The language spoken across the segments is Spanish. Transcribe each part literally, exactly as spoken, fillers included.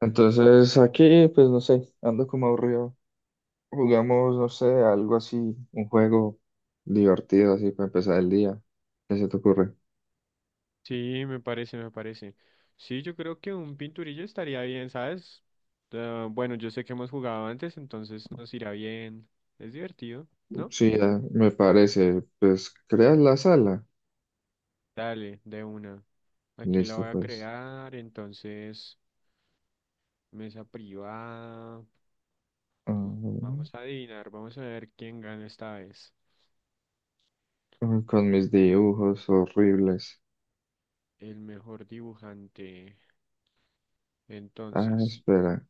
Entonces aquí, pues no sé, ando como aburrido. Jugamos, no sé, algo así, un juego divertido así para empezar el día. ¿Qué se te ocurre? Sí, me parece, me parece. Sí, yo creo que un pinturillo estaría bien, ¿sabes? Ah, bueno, yo sé que hemos jugado antes, entonces nos irá bien. Es divertido, ¿no? Sí, ya, me parece. Pues creas la sala. Dale, de una. Aquí la Listo, voy a pues. crear, entonces, mesa privada. Ah, Vamos a adivinar, vamos a ver quién gana esta vez. uy, con mis dibujos horribles. El mejor dibujante. Ah, Entonces, espera.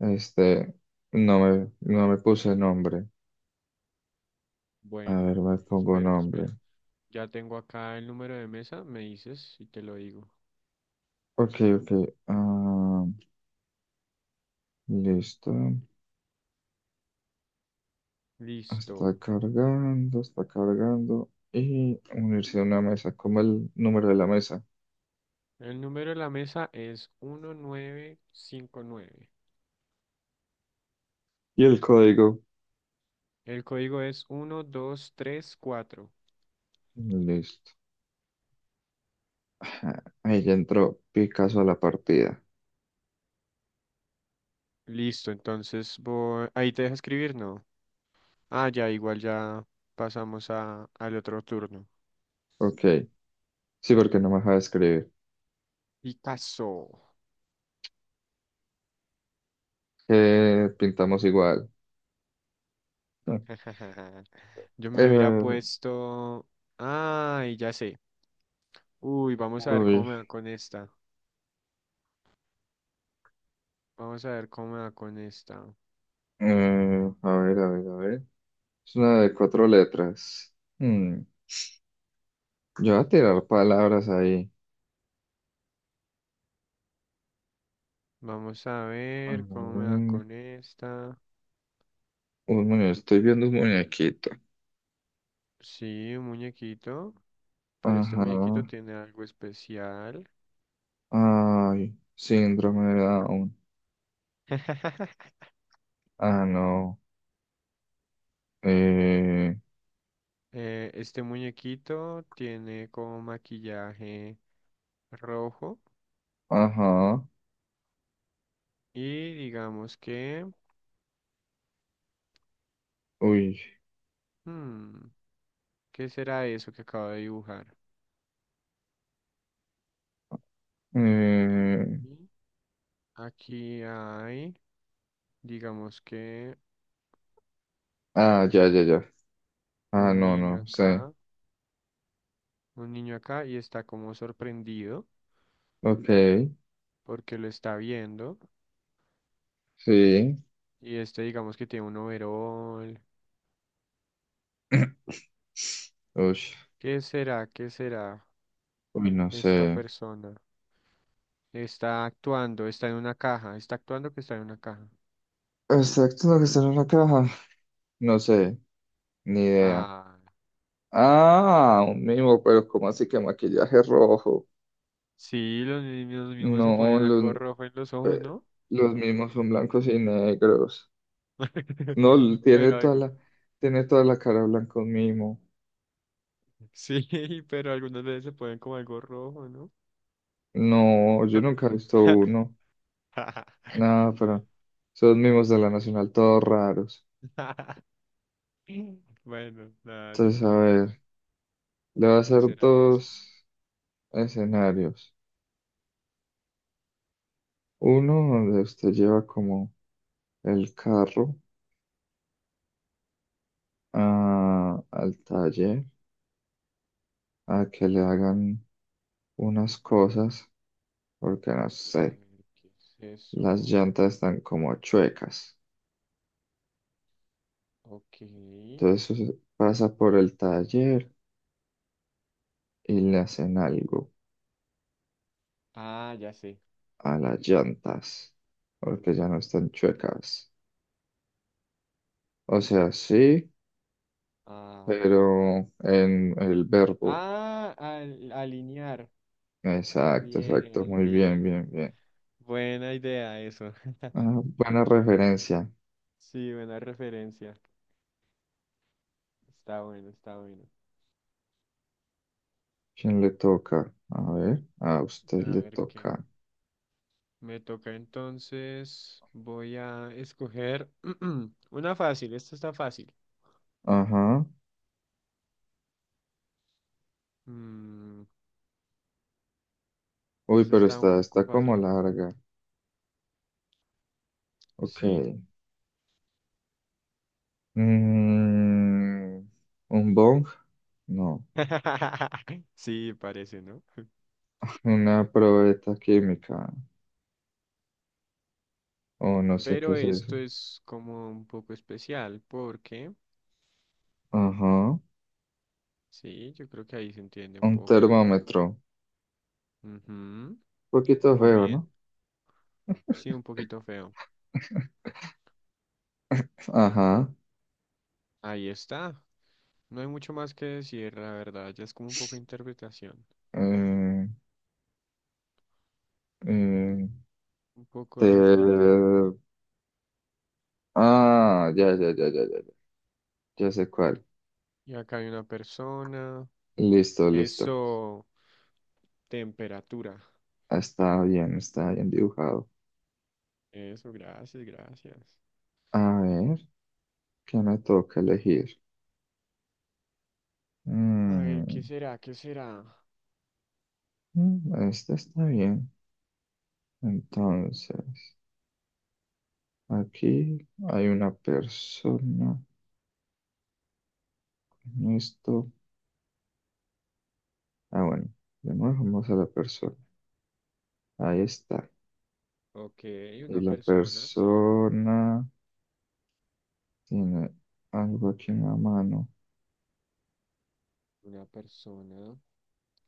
Este, no me, no me puse nombre. A bueno, ver, me pongo espero, nombre. espero. Ya tengo acá el número de mesa, me dices y te lo digo. Ok, ok. Ah, listo. Está Listo. cargando, está cargando. Y unirse a una mesa. Como el número de la mesa. El número de la mesa es uno nueve cinco nueve. Y el código. El código es uno dos tres cuatro. Listo. Ajá, ahí ya entró Picasso a la partida. Listo, entonces voy... ahí te deja escribir, ¿no? Ah, ya, igual ya pasamos a, al otro turno. Ok. Sí, porque no me deja de escribir. Picasso. Eh, pintamos igual. Ah, Yo me hubiera eh, puesto... Ay, ya sé. Uy, vamos a ver cómo uy, me va con esta. Vamos a ver cómo me va con esta. eh, a ver, a ver, a ver. Es una de cuatro letras. Hmm, Yo voy a tirar palabras ahí. Vamos a A ver cómo me va ver, con esta. un muñe- estoy viendo un muñequito. Sí, un muñequito. Pero este Ajá. muñequito tiene algo especial. Ay, síndrome de Down. Ah, no. Eh, Eh, este muñequito tiene como maquillaje rojo ajá. y digamos que... Uy. hmm, ¿qué será eso que acabo de dibujar? Eh, Y aquí hay, digamos que ah, ya, ya, ya. Ah, un no, niño no sé. acá, un niño acá y está como sorprendido Ok, porque lo está viendo. sí. Y este digamos que tiene un overol. Uy, ¿Qué será? ¿Qué será uy, no esta sé. persona? Está actuando, está en una caja, está actuando que está en una caja. Exacto lo que está en la caja. No sé, ni idea. Ah, Ah, un mimo, pero ¿cómo así que maquillaje rojo? sí, los niños mismos se No, ponen los, algo rojo en los eh, ojos, ¿no? los mimos son blancos y negros. No, tiene Pero toda algo, la, tiene toda la cara blanca un mimo. sí, pero algunas veces se ponen como algo rojo, ¿no? No, yo nunca he visto uno. Nada, Bueno, pero son mimos de la Nacional, todos raros. bueno, nada, ni Entonces, a modo. ver, le voy a ¿Qué hacer será eso? dos escenarios. Uno donde usted lleva como el carro a- al taller a que le hagan unas cosas, porque no A sé, ver, ¿qué es las eso? llantas están como chuecas. Ok. Entonces pasa por el taller y le hacen algo Ah, ya sé. a las llantas, porque ya no están chuecas. O sea, sí, Ah, pero en el verbo. ah, al- alinear. Exacto, exacto. Bien, Muy bien, bien. bien, bien. Buena idea eso. Ah, buena referencia. Sí, buena referencia. Está bueno, está bueno. ¿Quién le toca? A ver, a usted A le ver qué. toca. Me toca entonces. Voy a escoger una fácil. Esta está fácil. Ajá. Mm, Uy, esta pero está un está, poco está como fácil. larga. Ok. Sí. Mm, ¿Un bong? No. Sí, parece, ¿no? Una probeta química. O no sé qué Pero es eso. esto es como un poco especial porque, Ajá. sí, yo creo que ahí se entiende un Un poco. termómetro. Ujú, Poquito muy feo, bien. ¿no? Sí, un poquito feo. Ajá. Ahí está. No hay mucho más que decir, la verdad, ya es como un poco de interpretación. Eh, eh, Un poco de... inter- te- Ah, ya, ya, ya, ya, ya, ya. Ya sé cuál. Y acá hay una persona. Listo, listo. Eso, temperatura. Está bien, está bien dibujado. Eso, gracias, gracias. A ver, ¿qué me toca elegir? A ver, ¿qué Mm, será? ¿Qué será? mm, este está bien. Entonces, aquí hay una persona. En esto. Ah, bueno. Le vamos a la persona. Ahí está. Ok, Y una la persona, sí. persona tiene algo aquí en la mano Una persona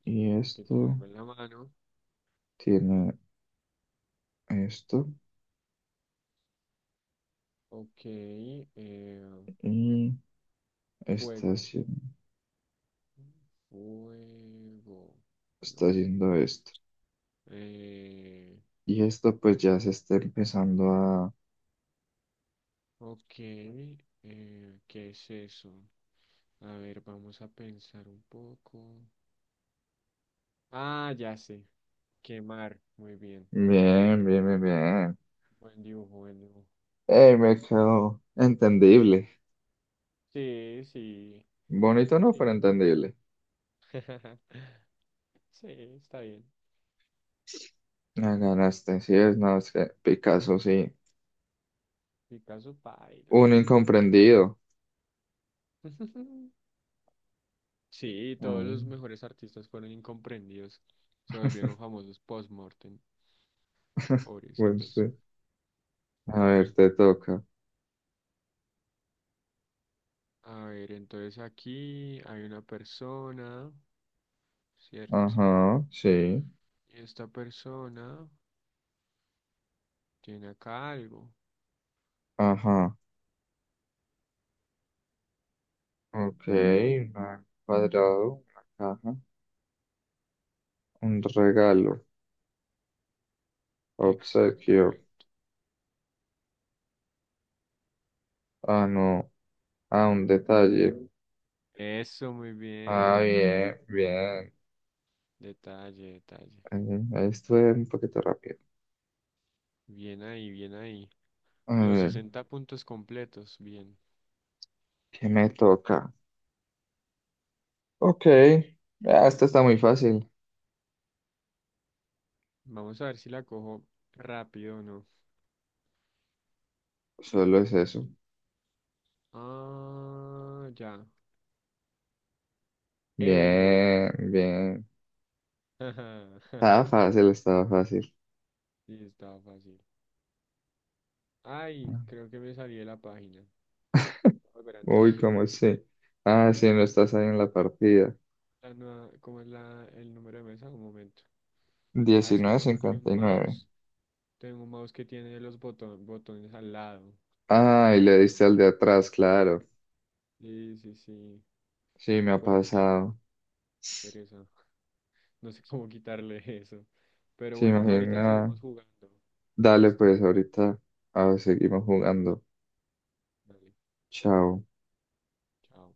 y que te esto hago en la mano. tiene esto Ok, eh, y está fuego. haciendo, Fuego. No. está haciendo esto. Eh, Y esto pues ya se está empezando a... ok, eh, ¿qué es eso? A ver, vamos a pensar un poco. Ah, ya sé, quemar. Muy bien, muy bien. Bien, bien, bien, bien. Buen dibujo, buen dibujo. ¡Ey, me quedó entendible! Sí, sí, Bonito no, sí. pero entendible. Sí, está bien. La ganaste, sí es, no, es que Picasso sí. Picasso paila. Un incomprendido. Sí, todos los Ay, mejores artistas fueron incomprendidos. Se volvieron famosos post-mortem, bueno, sí. pobrecitos. A A ver, ver, te toca. a ver, entonces aquí hay una persona, ¿cierto? Ajá, sí. Esta persona tiene acá algo. Ajá. Ok, un cuadrado, una caja, un regalo, obsequio. Exactamente. Ah, no. Ah, un detalle. Eso, muy Ah, bien. bien, bien. Detalle, detalle. Eh, Ahí estuve un poquito rápido. Bien ahí, bien ahí. A Los ver, sesenta puntos completos, bien. ¿qué me toca? Ok. Ah, esta está muy fácil. Vamos a ver si la cojo rápido o no. Solo es eso. Ah, ya. Euro. Bien, bien. Estaba fácil, estaba fácil. Sí, estaba fácil. Ay, creo que me salí de la página. Voy a volver a Uy, entrar. ¿cómo sí? Ah, sí, no estás ahí en la partida. La nueva- ¿cómo es la, el número de mesa? Un momento. Ah, es que diecinueve tengo aquí un cincuenta y nueve mouse. Tengo un mouse que tiene los boton- botones al lado. Ah, y le diste al de atrás, claro. Sí, sí, sí. Sí, me ha Por accidente. pasado. Pereza. No sé cómo quitarle eso. Pero Sí, bueno, ahorita imagina. seguimos jugando. Dale, ¿Listo? pues ahorita ah, seguimos jugando. Dale. Chao. Chao.